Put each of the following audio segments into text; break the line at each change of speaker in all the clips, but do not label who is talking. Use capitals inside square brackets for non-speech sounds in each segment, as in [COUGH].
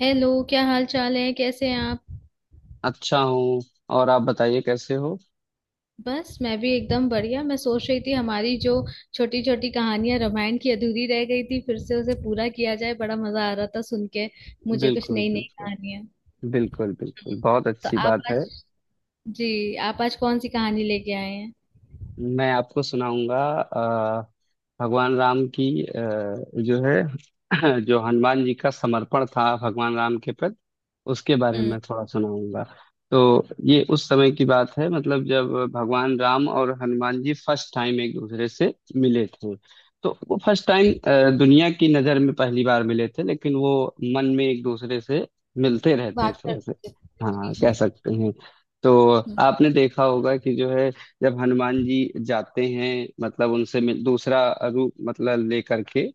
Hello, क्या हाल चाल है, कैसे हैं आप।
अच्छा हूँ। और आप बताइए कैसे हो।
बस मैं भी एकदम बढ़िया। मैं सोच रही थी हमारी जो छोटी छोटी कहानियां रामायण की अधूरी रह गई थी, फिर से उसे पूरा किया जाए। बड़ा मजा आ रहा था सुन के मुझे कुछ
बिल्कुल
नई नई
बिल्कुल।
कहानियां।
बिल्कुल बिल्कुल,
हम्म।
बहुत
तो
अच्छी
आप
बात है।
आज जी आप आज कौन सी कहानी लेके आए हैं।
मैं आपको सुनाऊंगा भगवान राम की, जो है [CLEARS THROAT] जो हनुमान जी का समर्पण था भगवान राम के प्रति, उसके बारे में
हम्म।
मैं थोड़ा सुनाऊंगा। तो ये उस समय की बात है मतलब जब भगवान राम और हनुमान जी फर्स्ट टाइम एक दूसरे से मिले थे। तो वो फर्स्ट टाइम
जी,
दुनिया की नज़र में पहली बार मिले थे, लेकिन वो मन में एक दूसरे से मिलते रहते
बात
थे ऐसे।
करते हैं।
हाँ,
जी
कह
जी।
सकते हैं। तो
हम्म।
आपने देखा होगा कि जो है जब हनुमान जी जाते हैं मतलब उनसे मिल, दूसरा रूप मतलब लेकर के,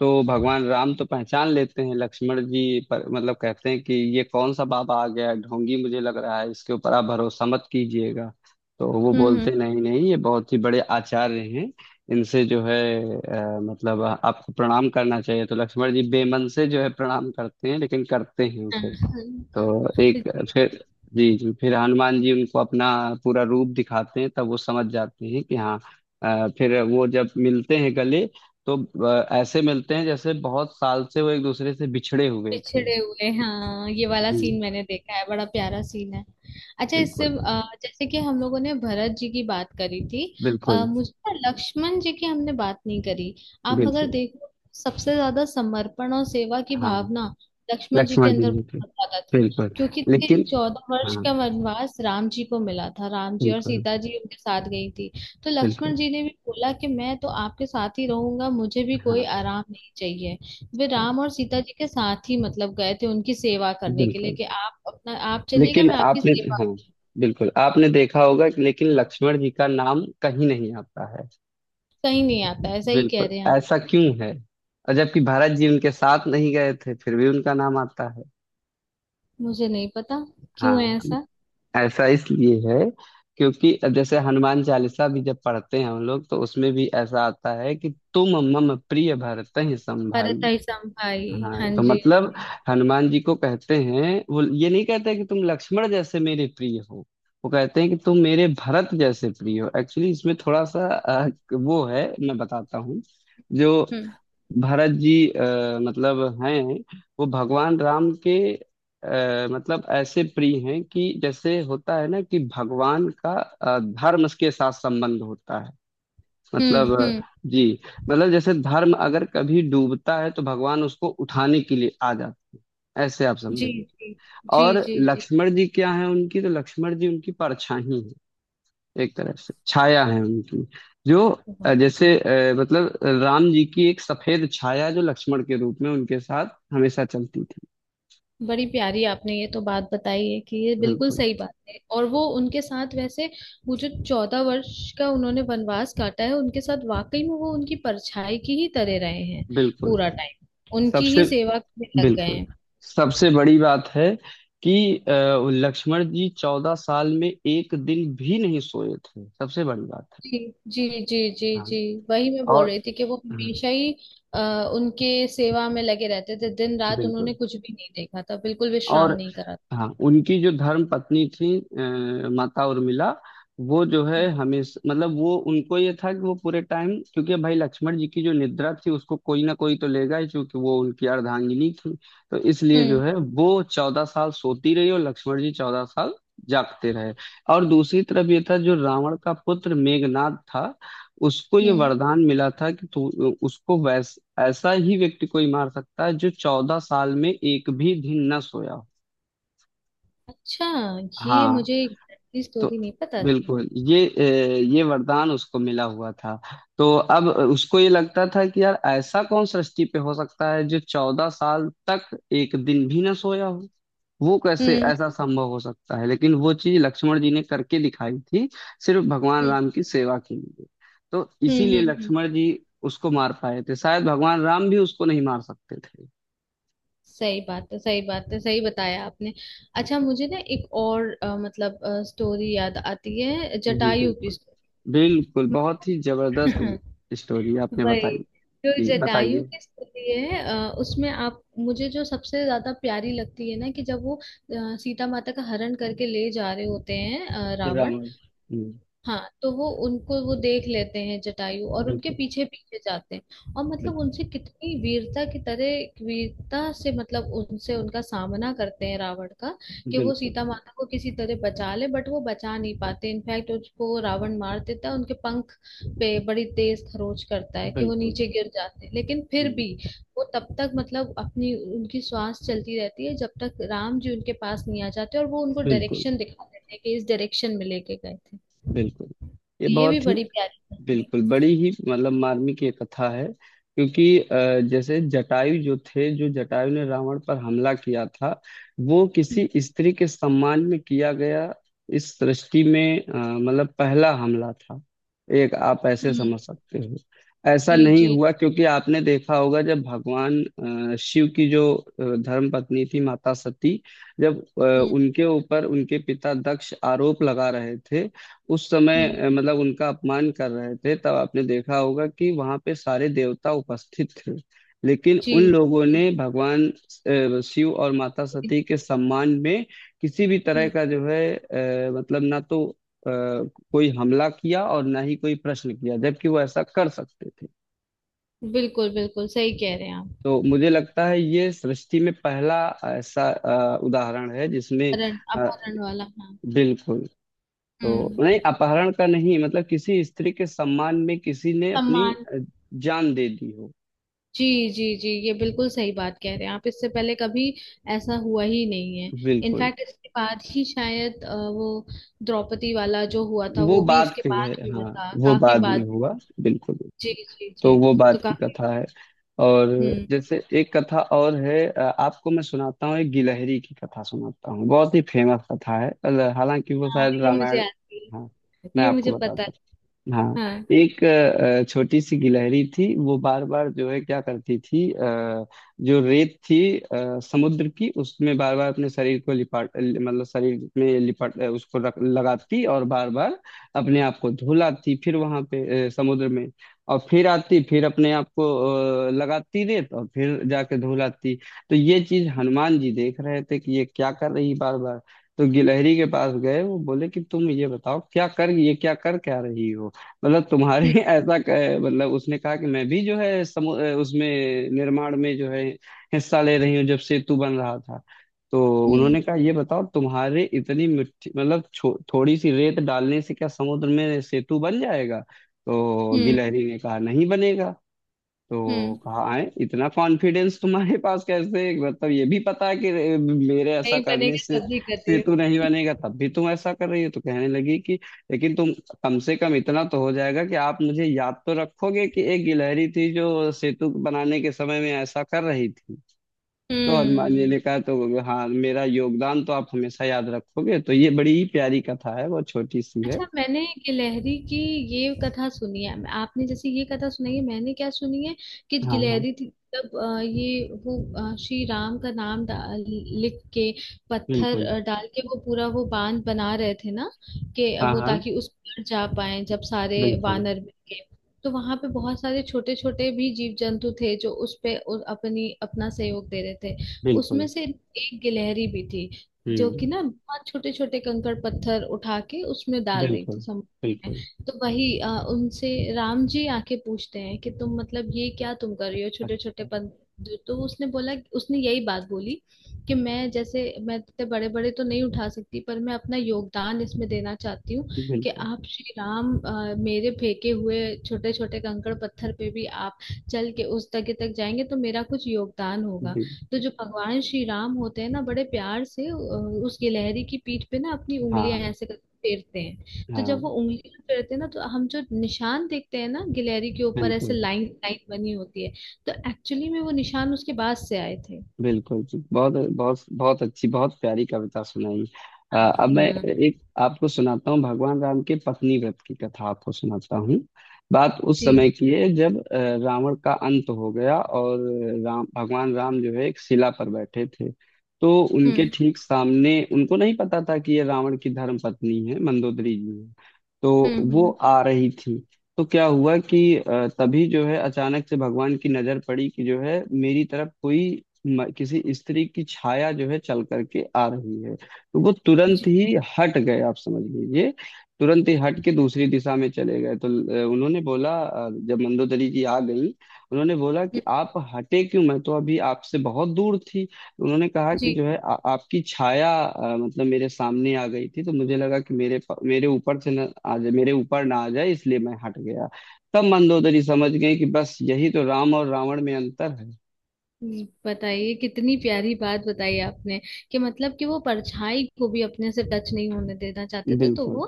तो भगवान राम तो पहचान लेते हैं, लक्ष्मण जी पर मतलब कहते हैं कि ये कौन सा बाबा आ गया है? ढोंगी मुझे लग रहा है, इसके ऊपर आप भरोसा मत कीजिएगा। तो वो
हम्म, हम्म।
बोलते नहीं नहीं, ये बहुत ही बड़े आचार्य हैं, इनसे जो है मतलब आपको प्रणाम करना चाहिए। तो लक्ष्मण जी बेमन से जो है प्रणाम करते हैं, लेकिन करते हैं।
हाँ, हाँ, हाँ।
तो एक,
जी।
फिर, जी जी, फिर हनुमान जी उनको अपना पूरा रूप दिखाते हैं, तब वो समझ जाते हैं कि हाँ। फिर वो जब मिलते हैं गले, तो ऐसे मिलते हैं जैसे बहुत साल से वो एक दूसरे से बिछड़े हुए थे।
पिछड़े हुए हाँ, ये वाला
जी
सीन मैंने देखा है, बड़ा प्यारा सीन है। अच्छा, इससे
बिल्कुल
जैसे कि हम लोगों ने भरत जी की बात करी थी।
बिल्कुल।
मुझे ना लक्ष्मण जी की हमने बात नहीं करी। आप अगर
बिल्कुल
देखो, सबसे ज्यादा समर्पण और सेवा की
हाँ,
भावना लक्ष्मण जी के
लक्ष्मण जी
अंदर
जी थे।
बहुत ज्यादा थी,
बिल्कुल,
क्योंकि
लेकिन।
14 वर्ष
हाँ,
का वनवास राम जी को मिला था। राम जी और
बिल्कुल
सीता जी उनके साथ गई थी। तो
बिल्कुल।
लक्ष्मण जी ने भी बोला कि मैं तो आपके साथ ही रहूंगा, मुझे भी कोई
हाँ
आराम नहीं चाहिए। वे
हाँ,
राम और सीता जी के साथ ही मतलब गए थे उनकी सेवा करने के लिए
बिल्कुल,
कि आप अपना आप चलिएगा,
लेकिन
मैं आपकी
आपने। हाँ,
सेवा।
बिल्कुल, आपने देखा होगा कि लेकिन लक्ष्मण जी का नाम कहीं नहीं आता है।
कहीं नहीं आता, ऐसा ही कह
बिल्कुल,
रहे हैं आप।
ऐसा क्यों है? और जबकि भारत जी उनके साथ नहीं गए थे, फिर भी उनका नाम आता है।
मुझे नहीं पता क्यों है
हाँ,
ऐसा।
ऐसा इसलिए है क्योंकि जैसे हनुमान चालीसा भी जब पढ़ते हैं हम लोग, तो उसमें भी ऐसा आता है कि तुम मम प्रिय भरतहि सम भाई।
भरतई संभाई, हाँ
हाँ, तो
जी
मतलब
हाँ। जी।
हनुमान जी को कहते हैं, वो ये नहीं कहते कि तुम लक्ष्मण जैसे मेरे प्रिय हो। वो कहते हैं कि तुम मेरे भरत जैसे प्रिय हो। एक्चुअली इसमें थोड़ा सा वो है, मैं बताता हूँ। जो
हम्म,
भरत जी मतलब हैं, वो भगवान राम के मतलब ऐसे प्रिय हैं कि जैसे होता है ना कि भगवान का धर्म के साथ संबंध होता है। मतलब
हम्म, हम्म।
जी, मतलब जैसे धर्म अगर कभी डूबता है तो भगवान उसको उठाने के लिए आ जाते हैं। ऐसे आप
जी
समझिए।
जी जी
और
जी जी।
लक्ष्मण जी क्या है, उनकी, तो लक्ष्मण जी उनकी परछाई हैं, एक तरह से छाया है उनकी। जो
वाह।
जैसे, मतलब राम जी की एक सफेद छाया जो लक्ष्मण के रूप में उनके साथ हमेशा चलती थी।
बड़ी प्यारी आपने ये तो बात बताई है कि ये बिल्कुल
बिल्कुल
सही बात है। और वो उनके साथ वैसे, वो जो 14 वर्ष का उन्होंने वनवास काटा है, उनके साथ वाकई में वो उनकी परछाई की ही तरह रहे हैं।
बिल्कुल।
पूरा टाइम उनकी ही
सबसे,
सेवा में लग गए
बिल्कुल,
हैं।
सबसे बड़ी बात है कि लक्ष्मण जी चौदह साल में एक दिन भी नहीं सोए थे, सबसे बड़ी बात है।
जी जी जी जी
हाँ,
जी। वही मैं बोल
और
रही थी कि वो
हम्म,
हमेशा ही उनके सेवा में लगे रहते थे। दिन रात
बिल्कुल।
उन्होंने कुछ भी नहीं देखा था, बिल्कुल विश्राम
और
नहीं करा था।
हाँ, उनकी जो धर्म पत्नी थी माता उर्मिला, वो जो है हमेशा मतलब वो, उनको ये था कि वो पूरे टाइम, क्योंकि भाई लक्ष्मण जी की जो निद्रा थी उसको कोई ना कोई तो लेगा ही, क्योंकि वो उनकी अर्धांगिनी थी। तो इसलिए जो
हम्म,
है वो चौदह साल सोती रही और लक्ष्मण जी चौदह साल जागते रहे। और दूसरी तरफ ये था, जो रावण का पुत्र मेघनाद था, उसको ये
हम्म।
वरदान मिला था कि तू, उसको वैस ऐसा ही व्यक्ति कोई मार सकता है जो चौदह साल में एक भी दिन न सोया।
अच्छा, ये
हाँ,
मुझे एग्जैक्टली
तो
स्टोरी नहीं पता थी।
बिल्कुल ये ये वरदान उसको मिला हुआ था। तो अब उसको ये लगता था कि यार ऐसा कौन सृष्टि पे हो सकता है जो चौदह साल तक एक दिन भी ना सोया हो, वो कैसे
हम्म,
ऐसा संभव हो सकता है। लेकिन वो चीज लक्ष्मण जी ने करके दिखाई थी, सिर्फ भगवान
हम्म,
राम की सेवा के लिए। तो
हम्म, हम्म,
इसीलिए
हम्म।
लक्ष्मण जी उसको मार पाए थे, शायद भगवान राम भी उसको नहीं मार सकते।
सही बात है, सही बात है, सही बताया आपने। अच्छा, मुझे ना एक और मतलब स्टोरी याद आती है,
जी
जटायु की
बिल्कुल।
स्टोरी।
बिल्कुल बहुत ही जबरदस्त
[LAUGHS]
स्टोरी आपने
वही,
बताई।
जो
जी
जटायु
बताइए।
की स्टोरी है, उसमें आप मुझे जो सबसे ज्यादा प्यारी लगती है ना कि जब वो सीता माता का हरण करके ले जा रहे होते हैं,
राम।
रावण। हाँ, तो वो उनको वो देख लेते हैं जटायु, और उनके
बिल्कुल
पीछे पीछे जाते हैं, और मतलब
बिल्कुल।
उनसे कितनी वीरता की तरह, वीरता से मतलब उनसे उनका सामना करते हैं रावण का। कि वो
बिल्कुल
सीता माता को किसी तरह बचा ले, बट वो बचा नहीं पाते। इनफैक्ट उसको रावण मार देता है, उनके पंख पे बड़ी तेज खरोच करता है कि वो
बिल्कुल।
नीचे गिर जाते हैं। लेकिन फिर
हम्म,
भी वो तब तक मतलब अपनी उनकी श्वास चलती रहती है जब तक राम जी उनके पास नहीं आ जाते, और वो उनको
बिल्कुल
डायरेक्शन दिखा देते हैं कि इस डायरेक्शन में लेके गए थे।
बिल्कुल, ये
ये भी
बहुत ही
बड़ी प्यारी कहानी है।
बिल्कुल बड़ी ही मतलब मार्मिक ये कथा है। क्योंकि जैसे जटायु जो थे, जो जटायु ने रावण पर हमला किया था, वो
हुँ,
किसी स्त्री के सम्मान में किया गया, इस सृष्टि में मतलब पहला हमला था, एक आप ऐसे
हुँ,
समझ सकते हो। ऐसा
जी
नहीं
जी,
हुआ, क्योंकि आपने देखा होगा जब भगवान शिव की जो धर्म पत्नी थी माता सती, जब
हुँ,
उनके ऊपर उनके पिता दक्ष आरोप लगा रहे थे उस समय
हुँ,
मतलब उनका अपमान कर रहे थे, तब आपने देखा होगा कि वहां पे सारे देवता उपस्थित थे, लेकिन
जी
उन लोगों
जी,
ने भगवान शिव और माता
जी,
सती के सम्मान में किसी भी तरह
हुँ।
का जो है मतलब ना तो अ, कोई हमला किया और ना ही कोई प्रश्न किया, जबकि वो ऐसा कर सकते थे।
बिल्कुल, बिल्कुल सही कह रहे हैं आप।
तो मुझे लगता है ये सृष्टि में पहला ऐसा उदाहरण है जिसमें
अपहरण,
अ,
अपहरण वाला, हाँ।
बिल्कुल। तो नहीं,
हम्म।
अपहरण का नहीं, मतलब किसी स्त्री के सम्मान में किसी ने अपनी
सम्मान।
जान दे दी हो।
जी जी जी, ये बिल्कुल सही बात कह रहे हैं आप, इससे पहले कभी ऐसा हुआ ही नहीं है।
बिल्कुल,
इनफैक्ट इसके बाद ही शायद वो द्रौपदी वाला जो हुआ था
वो
वो भी
बाद
इसके
की है।
बाद हुआ
हाँ,
था,
वो
काफी
बाद में
बाद।
हुआ, बिल्कुल
जी
बिल्कुल।
जी जी।
तो वो
तो
बाद की
काफी।
कथा है। और
हम्म।
जैसे एक कथा और है, आपको मैं सुनाता हूँ, एक गिलहरी की कथा सुनाता हूँ, बहुत ही फेमस कथा है। हालांकि वो
हाँ,
शायद
ये मुझे
रामायण।
आती
हाँ,
है,
मैं
ये
आपको
मुझे पता है।
बताता हूँ। हाँ।
हाँ।
एक छोटी सी गिलहरी थी, वो बार बार जो है क्या करती थी, जो रेत थी समुद्र की, उसमें बार बार अपने शरीर को लिपाट, मतलब शरीर में लिपाट उसको रख लगाती, और बार बार अपने आप को धुलाती फिर वहां पे समुद्र में। और फिर आती फिर अपने आप को लगाती रेत और फिर जाके धुलाती। तो ये चीज हनुमान जी देख रहे थे कि ये क्या कर रही बार बार। तो गिलहरी के पास गए वो, बोले कि तुम ये बताओ क्या कर, ये क्या कर क्या रही हो, मतलब तुम्हारे
हम्म,
[LAUGHS] ऐसा मतलब। उसने कहा कि मैं भी जो है उसमें निर्माण में जो है हिस्सा ले रही हूँ जब सेतु बन रहा था। तो उन्होंने कहा ये बताओ तुम्हारे इतनी मिट्टी, मतलब थोड़ी सी रेत डालने से क्या समुद्र में सेतु बन जाएगा? तो
हम्म,
गिलहरी ने कहा नहीं बनेगा। तो
हम्म।
कहा आए इतना कॉन्फिडेंस तुम्हारे पास कैसे, मतलब ये भी पता है कि मेरे ऐसा
नहीं
करने
बनेगा
से
तभी कर रही
सेतु नहीं
हूँ।
बनेगा तब भी तुम ऐसा कर रही हो। तो कहने लगी कि लेकिन तुम, कम से कम इतना तो हो जाएगा कि आप मुझे याद तो रखोगे कि एक गिलहरी थी जो सेतु बनाने के समय में ऐसा कर रही थी। तो हनुमान जी
हम्म।
ने कहा तो हाँ, मेरा योगदान तो आप हमेशा याद रखोगे। तो ये बड़ी प्यारी कथा है, बहुत छोटी सी है।
अच्छा, मैंने गिलहरी की ये कथा सुनी है। आपने जैसे ये कथा सुनाई है, मैंने क्या सुनी है, कि
हाँ हाँ,
गिलहरी थी, तब ये वो श्री राम का नाम डाल, लिख के पत्थर
बिल्कुल।
डाल के वो पूरा वो बांध बना रहे थे ना। कि
हाँ
वो,
हाँ,
ताकि उस पर जा पाए जब सारे
बिल्कुल
वानर मिल के, तो वहां पे बहुत सारे छोटे छोटे भी जीव जंतु थे जो उस पे उ- अपनी अपना सहयोग दे रहे थे।
बिल्कुल।
उसमें से एक गिलहरी भी थी, जो कि
हम्म,
ना बहुत छोटे छोटे कंकड़ पत्थर उठा के उसमें डाल रही
बिल्कुल
थी, समुद्र में।
बिल्कुल।
तो वही उनसे राम जी आके पूछते हैं कि तुम मतलब ये क्या तुम कर रही हो छोटे छोटे
अच्छा,
पन। तो उसने बोला, उसने यही बात बोली कि मैं जैसे, मैं इतने बड़े बड़े तो नहीं उठा सकती, पर मैं अपना योगदान इसमें देना चाहती हूँ। कि
बिल्कुल
आप श्री राम मेरे फेंके हुए छोटे छोटे कंकड़ पत्थर पे भी आप चल के उस जगह तक जाएंगे, तो मेरा कुछ योगदान होगा।
बिल्कुल।
तो जो भगवान श्री राम होते हैं ना, बड़े प्यार से उस गिलहरी की पीठ पे ना अपनी उंगलियां
हाँ
ऐसे करके फेरते हैं। तो जब वो
हाँ,
उंगलियां फेरते हैं ना, तो हम जो निशान देखते हैं ना गिलहरी के ऊपर ऐसे
बिल्कुल
लाइन लाइन बनी होती है। तो एक्चुअली में वो निशान उसके बाद से आए थे।
बिल्कुल। जी बहुत बहुत बहुत अच्छी, बहुत प्यारी कविता सुनाई। अब
हाँ
मैं
हाँ,
एक आपको सुनाता हूँ, भगवान राम के पत्नी व्रत की कथा आपको सुनाता हूँ। बात उस समय
जी।
की है जब रावण का अंत हो गया, और राम, भगवान राम जो है एक शिला पर बैठे थे। तो उनके
हम्म,
ठीक सामने, उनको नहीं पता था कि ये रावण की धर्म पत्नी है, मंदोदरी जी है। तो
हम्म,
वो
हम्म।
आ रही थी। तो क्या हुआ कि तभी जो है अचानक से भगवान की नजर पड़ी कि जो है मेरी तरफ कोई किसी स्त्री की छाया जो है चल करके आ रही है। तो वो तुरंत
जी।
ही हट गए, आप समझ लीजिए। तुरंत ही हट के दूसरी दिशा में चले गए। तो उन्होंने बोला, जब मंदोदरी जी आ गई, उन्होंने बोला कि
हम्म,
आप हटे क्यों, मैं तो अभी आपसे बहुत दूर थी। उन्होंने कहा कि
जी।
जो है आपकी छाया मतलब मेरे सामने आ गई थी, तो मुझे लगा कि मेरे मेरे ऊपर से ना आ जाए, मेरे ऊपर ना आ जाए, इसलिए मैं हट गया। तब मंदोदरी समझ गई कि बस यही तो राम और रावण में अंतर है।
बताइए कितनी प्यारी बात बताई आपने कि मतलब कि वो परछाई को भी अपने से टच नहीं होने देना चाहते थे, तो
बिल्कुल।
वो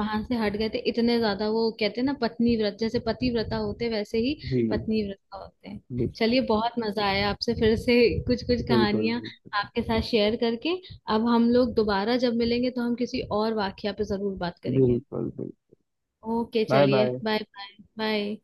वहां से हट गए थे। इतने ज्यादा, वो कहते हैं ना पत्नी व्रत, जैसे पतिव्रता होते वैसे ही
जी,
पत्नी व्रता होते हैं। चलिए,
बिल्कुल
बहुत मजा आया आपसे फिर से कुछ कुछ
बिल्कुल।
कहानियां
बिल्कुल
आपके साथ शेयर करके। अब हम लोग दोबारा जब मिलेंगे तो हम किसी और वाकया पे जरूर बात करेंगे।
बिल्कुल।
ओके,
बाय
चलिए,
बाय।
Bye bye bye.